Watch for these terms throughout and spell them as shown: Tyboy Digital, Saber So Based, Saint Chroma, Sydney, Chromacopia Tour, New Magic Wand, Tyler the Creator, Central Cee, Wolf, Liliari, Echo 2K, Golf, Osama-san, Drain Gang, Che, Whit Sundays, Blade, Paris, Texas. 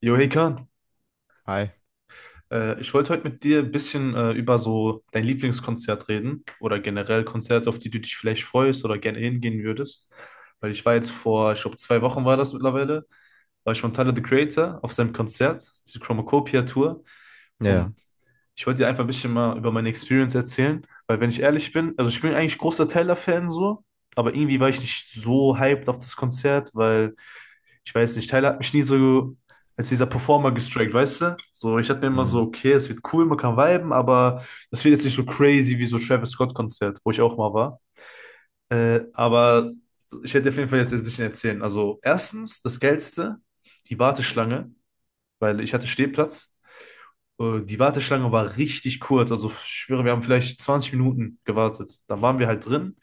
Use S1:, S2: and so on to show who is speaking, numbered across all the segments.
S1: Jo, hey Kahn,
S2: Hi.
S1: ich wollte heute mit dir ein bisschen über so dein Lieblingskonzert reden oder generell Konzerte, auf die du dich vielleicht freust oder gerne hingehen würdest. Weil ich war jetzt vor, ich glaube, 2 Wochen war das mittlerweile, war ich von Tyler the Creator auf seinem Konzert, diese Chromacopia Tour.
S2: Ja.
S1: Und ich wollte dir einfach ein bisschen mal über meine Experience erzählen, weil wenn ich ehrlich bin, also ich bin eigentlich großer Tyler-Fan so, aber irgendwie war ich nicht so hyped auf das Konzert, weil ich weiß nicht, Tyler hat mich nie so als dieser Performer gestrikt, weißt du? So, ich hatte mir immer so,
S2: Mhm.
S1: okay, es wird cool, man kann viben, aber das wird jetzt nicht so crazy wie so Travis Scott-Konzert, wo ich auch mal war. Aber ich werde dir auf jeden Fall jetzt ein bisschen erzählen. Also, erstens, das Geilste, die Warteschlange, weil ich hatte Stehplatz. Die Warteschlange war richtig kurz. Also, ich schwöre, wir haben vielleicht 20 Minuten gewartet. Dann waren wir halt drin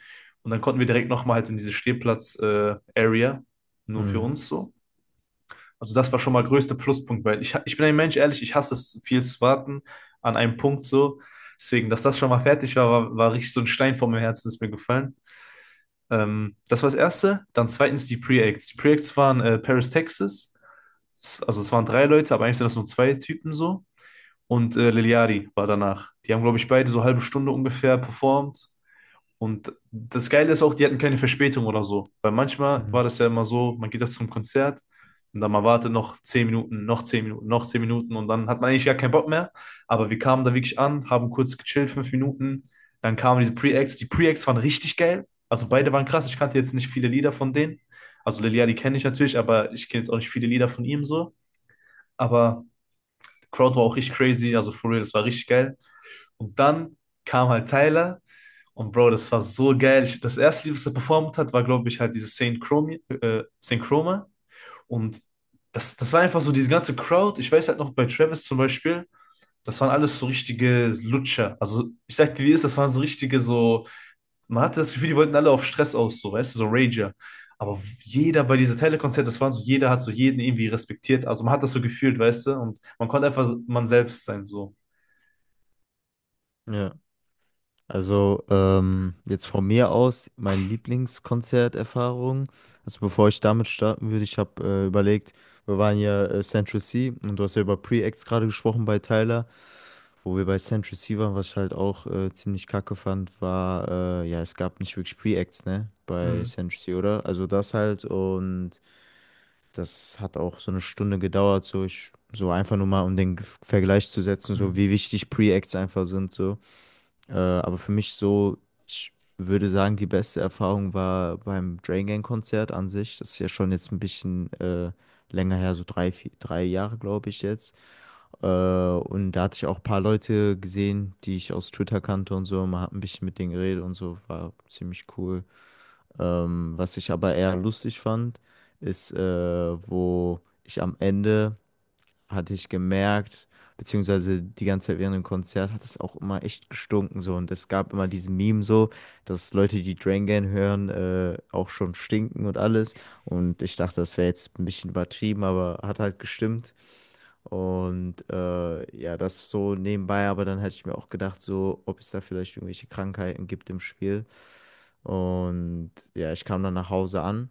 S1: und dann konnten wir direkt nochmal halt in diese Stehplatz-Area, nur für
S2: Mhm.
S1: uns so. Also das war schon mal größter Pluspunkt, weil ich bin ein Mensch, ehrlich, ich hasse es, viel zu warten an einem Punkt so. Deswegen, dass das schon mal fertig war, war richtig so ein Stein vor meinem Herzen, ist mir gefallen. Das war das Erste. Dann zweitens die Pre-Acts. Die Pre-Acts waren Paris, Texas. Also es waren drei Leute, aber eigentlich sind das nur zwei Typen so. Und Liliari war danach. Die haben, glaube ich, beide so halbe Stunde ungefähr performt. Und das Geile ist auch, die hatten keine Verspätung oder so. Weil manchmal
S2: Mhm.
S1: war das ja immer so, man geht doch zum Konzert und dann man wartet noch 10 Minuten, noch 10 Minuten, noch 10 Minuten und dann hat man eigentlich gar keinen Bock mehr. Aber wir kamen da wirklich an, haben kurz gechillt, 5 Minuten. Dann kamen diese Pre-Acts. Die Pre-Acts waren richtig geil. Also beide waren krass. Ich kannte jetzt nicht viele Lieder von denen. Also Lelia, die kenne ich natürlich, aber ich kenne jetzt auch nicht viele Lieder von ihm so. Aber die Crowd war auch richtig crazy. Also for real, das war richtig geil. Und dann kam halt Tyler und Bro, das war so geil. Ich, das erste Lied, was er performt hat, war, glaube ich, halt dieses Saint Chroma, Saint Chroma. Und das war einfach so diese ganze Crowd. Ich weiß halt noch bei Travis zum Beispiel, das waren alles so richtige Lutscher. Also ich sag dir, wie es ist, das waren so richtige, so, man hatte das Gefühl, die wollten alle auf Stress aus, so, weißt du, so Rager. Aber jeder bei dieser Telekonzert, das waren so, jeder hat so jeden irgendwie respektiert. Also man hat das so gefühlt, weißt du, und man konnte einfach so man selbst sein, so.
S2: Ja. Also jetzt von mir aus meine Lieblingskonzerterfahrung. Also bevor ich damit starten würde, ich habe überlegt, wir waren ja Central C und du hast ja über Pre-Acts gerade gesprochen bei Tyler, wo wir bei Central C waren, was ich halt auch ziemlich kacke fand, war, ja, es gab nicht wirklich Pre-Acts, ne, bei
S1: Mhm.
S2: Central C, oder? Also das halt und das hat auch so eine Stunde gedauert, so ich, so einfach nur mal, um den Vergleich zu setzen, so wie wichtig Pre-Acts einfach sind, so. Aber für mich so, ich würde sagen, die beste Erfahrung war beim Drain Gang Konzert an sich. Das ist ja schon jetzt ein bisschen länger her, so drei, vier, drei Jahre, glaube ich jetzt. Und da hatte ich auch ein paar Leute gesehen, die ich aus Twitter kannte und so, man hat ein bisschen mit denen geredet und so, war ziemlich cool. Was ich aber eher lustig fand, ist, wo ich am Ende hatte ich gemerkt, beziehungsweise die ganze Zeit während dem Konzert hat es auch immer echt gestunken so, und es gab immer diesen Meme so, dass Leute, die Drängen hören, auch schon stinken und alles, und ich dachte, das wäre jetzt ein bisschen übertrieben, aber hat halt gestimmt. Und ja, das so nebenbei, aber dann hätte ich mir auch gedacht, so, ob es da vielleicht irgendwelche Krankheiten gibt im Spiel. Und ja, ich kam dann nach Hause an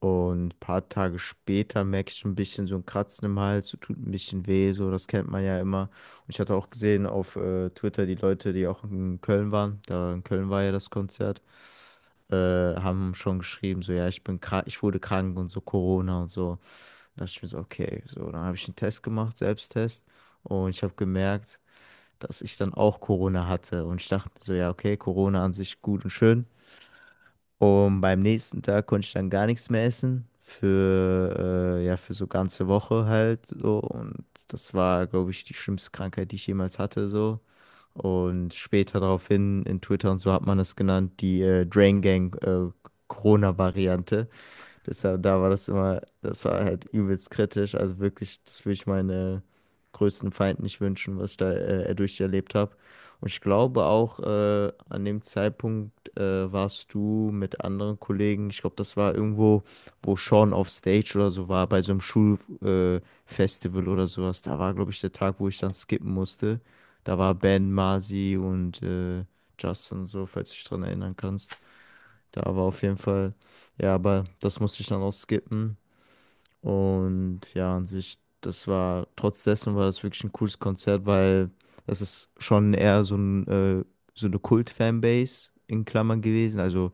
S2: und ein paar Tage später merke ich schon ein bisschen so ein Kratzen im Hals, so tut ein bisschen weh, so, das kennt man ja immer. Und ich hatte auch gesehen auf Twitter, die Leute, die auch in Köln waren, da in Köln war ja das Konzert, haben schon geschrieben, so, ja, ich bin krank, ich wurde krank und so, Corona und so. Da dachte ich mir so, okay, so, dann habe ich einen Test gemacht, Selbsttest, und ich habe gemerkt, dass ich dann auch Corona hatte. Und ich dachte mir so, ja, okay, Corona an sich gut und schön. Und beim nächsten Tag konnte ich dann gar nichts mehr essen. Für, ja, für so ganze Woche halt so. Und das war, glaube ich, die schlimmste Krankheit, die ich jemals hatte, so. Und später daraufhin in Twitter und so hat man es genannt, die Drain Gang Corona-Variante. Deshalb, da war das immer, das war halt übelst kritisch. Also wirklich, das würde ich meine größten Feinden nicht wünschen, was ich da durcherlebt habe. Und ich glaube auch, an dem Zeitpunkt warst du mit anderen Kollegen, ich glaube, das war irgendwo, wo Sean auf Stage oder so war, bei so einem Schulfestival Festival oder sowas. Da war, glaube ich, der Tag, wo ich dann skippen musste. Da war Ben, Marzi und Justin und so, falls du dich dran erinnern kannst. Da war auf jeden Fall, ja, aber das musste ich dann auch skippen. Und ja, an sich, das war, trotz dessen war das wirklich ein cooles Konzert, weil das ist schon eher so ein, so eine Kult-Fanbase in Klammern gewesen. Also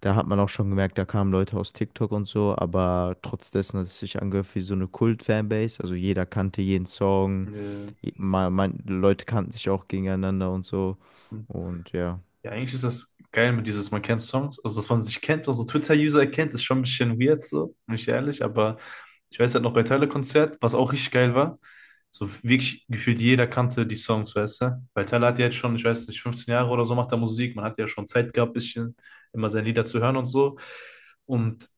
S2: da hat man auch schon gemerkt, da kamen Leute aus TikTok und so, aber trotz dessen hat es sich angehört wie so eine Kult-Fanbase. Also jeder kannte jeden Song,
S1: Mhm.
S2: man, Leute kannten sich auch gegeneinander und so.
S1: Ja.
S2: Und ja.
S1: Ja, eigentlich ist das geil mit dieses, man kennt Songs, also dass man sich kennt, also Twitter-User kennt, ist schon ein bisschen weird, so, bin ich ehrlich, aber ich weiß halt noch bei Tyler-Konzert, was auch richtig geil war, so wirklich gefühlt jeder kannte die Songs, weißt du, weil Tyler hat ja jetzt schon, ich weiß nicht, 15 Jahre oder so macht er Musik, man hat ja schon Zeit gehabt, bisschen immer seine Lieder zu hören und so, und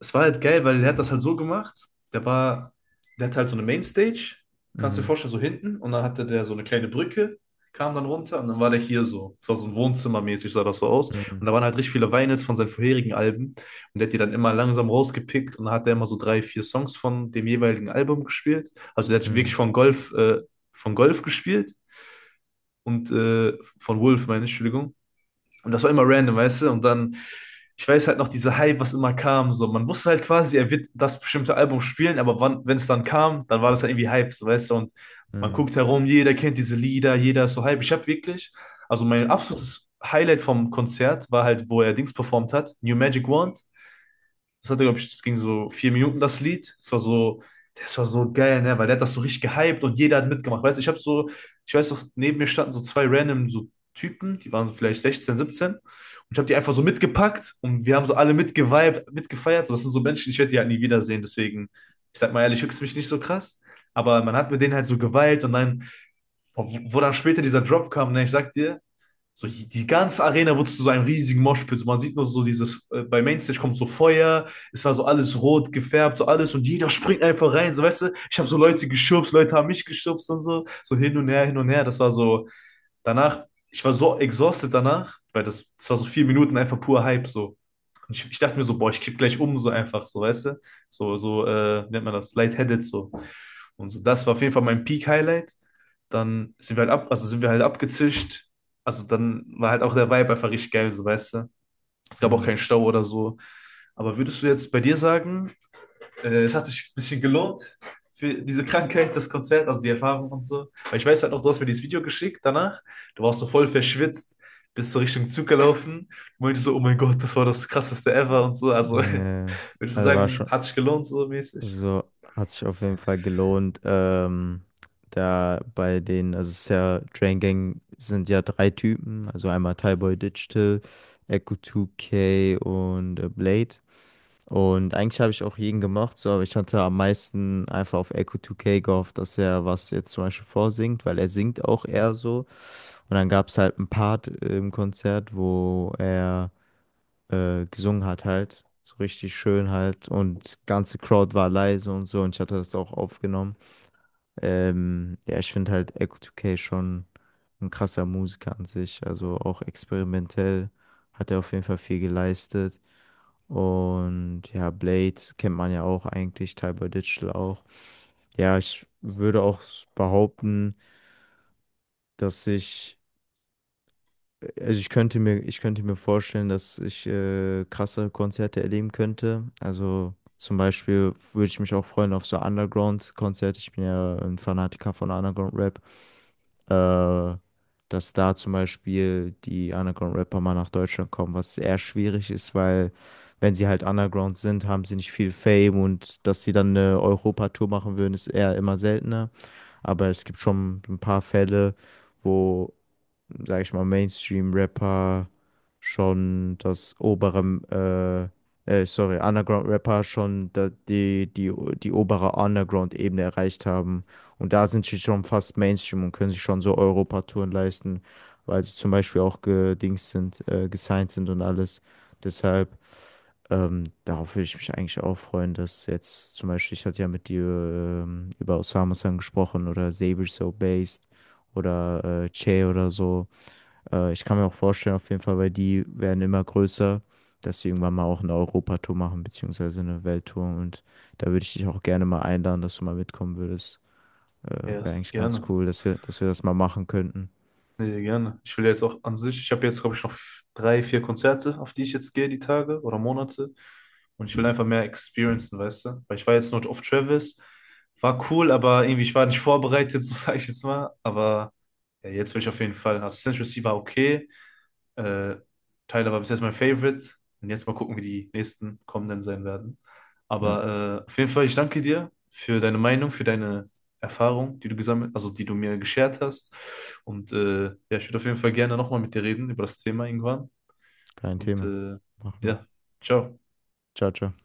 S1: es war halt geil, weil der hat das halt so gemacht. Der war, Der hatte halt so eine Mainstage, kannst du dir
S2: Mm,
S1: vorstellen, so hinten. Und dann hatte der so eine kleine Brücke, kam dann runter und dann war der hier so. Es war so ein Wohnzimmermäßig, sah das so aus. Und
S2: mm,
S1: da waren halt richtig viele Vinyls von seinen vorherigen Alben. Und der hat die dann immer langsam rausgepickt und dann hat er immer so drei, vier Songs von dem jeweiligen Album gespielt. Also der hat wirklich
S2: mm,
S1: von Golf gespielt und von Wolf, meine ich, Entschuldigung. Und das war immer random, weißt du? Und dann, ich weiß halt noch, diese Hype, was immer kam, so. Man wusste halt quasi, er wird das bestimmte Album spielen, aber wann, wenn es dann kam, dann war das halt irgendwie Hype, so, weißt du? Und man
S2: mm,
S1: guckt herum, jeder kennt diese Lieder, jeder ist so Hype. Ich habe wirklich, also mein absolutes Highlight vom Konzert war halt, wo er Dings performt hat, New Magic Wand, das hatte, glaube ich, das ging so 4 Minuten, das Lied. Das war so, das, war so geil, ne? Weil der hat das so richtig gehypt und jeder hat mitgemacht. Weißt du, ich habe so, ich weiß noch, neben mir standen so zwei random so Typen, die waren so vielleicht 16, 17 Und ich habe die einfach so mitgepackt und wir haben so alle mitgeweibt, mitgefeiert. So, das sind so Menschen, ich werde die halt nie wiedersehen. Deswegen, ich sag mal ehrlich, höchst mich nicht so krass. Aber man hat mit denen halt so geweilt, und dann, wo wo dann später dieser Drop kam, ne, ich sag dir, so, die ganze Arena wurde zu so einem riesigen Moshpit. So, man sieht nur so dieses, bei Mainstage kommt so Feuer, es war so alles rot gefärbt, so alles und jeder springt einfach rein. So, weißt du, ich habe so Leute geschubst, Leute haben mich geschubst und so, so hin und her, hin und her. Das war so, danach, ich war so exhausted danach, weil das war so 4 Minuten einfach pur Hype, so. Und ich dachte mir so, boah, ich kipp gleich um, so einfach, so, weißt du, so, so, wie nennt man das, lightheaded, so. Und so, das war auf jeden Fall mein Peak-Highlight. Dann sind wir halt ab, also sind wir halt abgezischt. Also dann war halt auch der Vibe einfach richtig geil, so weißt du. Es gab auch
S2: mm.
S1: keinen Stau oder so. Aber würdest du jetzt bei dir sagen, es hat sich ein bisschen gelohnt für diese Krankheit, das Konzert, also die Erfahrung und so? Weil ich weiß halt noch, du hast mir dieses Video geschickt danach. Du warst so voll verschwitzt, bist so Richtung Zug gelaufen, meinte so, oh mein Gott, das war das krasseste ever und so. Also
S2: Nee,
S1: würdest du
S2: also war
S1: sagen,
S2: schon,
S1: hat sich gelohnt so mäßig?
S2: also hat sich auf jeden Fall gelohnt. Da bei den, also es ist ja, Drain Gang sind ja drei Typen, also einmal Tyboy Digital, Echo 2K und Blade. Und eigentlich habe ich auch jeden gemocht, so, aber ich hatte am meisten einfach auf Echo 2K gehofft, dass er was jetzt zum Beispiel vorsingt, weil er singt auch eher so. Und dann gab es halt ein Part im Konzert, wo er gesungen hat halt. So richtig schön halt. Und ganze Crowd war leise und so. Und ich hatte das auch aufgenommen. Ja, ich finde halt Echo 2K schon ein krasser Musiker an sich. Also auch experimentell hat er auf jeden Fall viel geleistet. Und ja, Blade kennt man ja auch eigentlich, Tyler Digital auch. Ja, ich würde auch behaupten, dass ich, also ich könnte mir vorstellen, dass ich krasse Konzerte erleben könnte. Also zum Beispiel würde ich mich auch freuen auf so Underground-Konzerte. Ich bin ja ein Fanatiker von Underground-Rap. Äh, Dass da zum Beispiel die Underground-Rapper mal nach Deutschland kommen, was eher schwierig ist, weil wenn sie halt Underground sind, haben sie nicht viel Fame, und dass sie dann eine Europa-Tour machen würden, ist eher immer seltener. Aber es gibt schon ein paar Fälle, wo, sage ich mal, Mainstream-Rapper schon das obere, sorry, Underground-Rapper schon da, die obere Underground-Ebene erreicht haben. Und da sind sie schon fast Mainstream und können sich schon so Europatouren leisten, weil sie zum Beispiel auch gedings sind, gesigned sind und alles. Deshalb, darauf würde ich mich eigentlich auch freuen, dass jetzt zum Beispiel, ich hatte ja mit dir über Osama-san gesprochen oder Saber So Based oder Che oder so. Ich kann mir auch vorstellen, auf jeden Fall, weil die werden immer größer, dass sie irgendwann mal auch eine Europatour machen, beziehungsweise eine Welttour. Und da würde ich dich auch gerne mal einladen, dass du mal mitkommen würdest.
S1: Ja,
S2: Wäre eigentlich ganz
S1: gerne.
S2: cool, dass wir das mal machen könnten.
S1: Nee, gerne. Ich will jetzt auch an sich, ich habe jetzt, glaube ich, noch drei, vier Konzerte, auf die ich jetzt gehe, die Tage oder Monate. Und ich will einfach mehr experiencen, weißt du? Weil ich war jetzt nur auf Travis, war cool, aber irgendwie, ich war nicht vorbereitet, so sage ich jetzt mal. Aber ja, jetzt will ich auf jeden Fall. Also Central Cee war okay. Äh, Tyler war bis jetzt mein Favorite. Und jetzt mal gucken, wie die nächsten kommenden sein werden.
S2: Ja,
S1: Aber auf jeden Fall, ich danke dir für deine Meinung, für deine Erfahrung, die du gesammelt, also die du mir geshared hast. Und ja, ich würde auf jeden Fall gerne nochmal mit dir reden über das Thema irgendwann.
S2: kein
S1: Und
S2: Thema. Machen wir.
S1: ja, ciao.
S2: Ciao, ciao.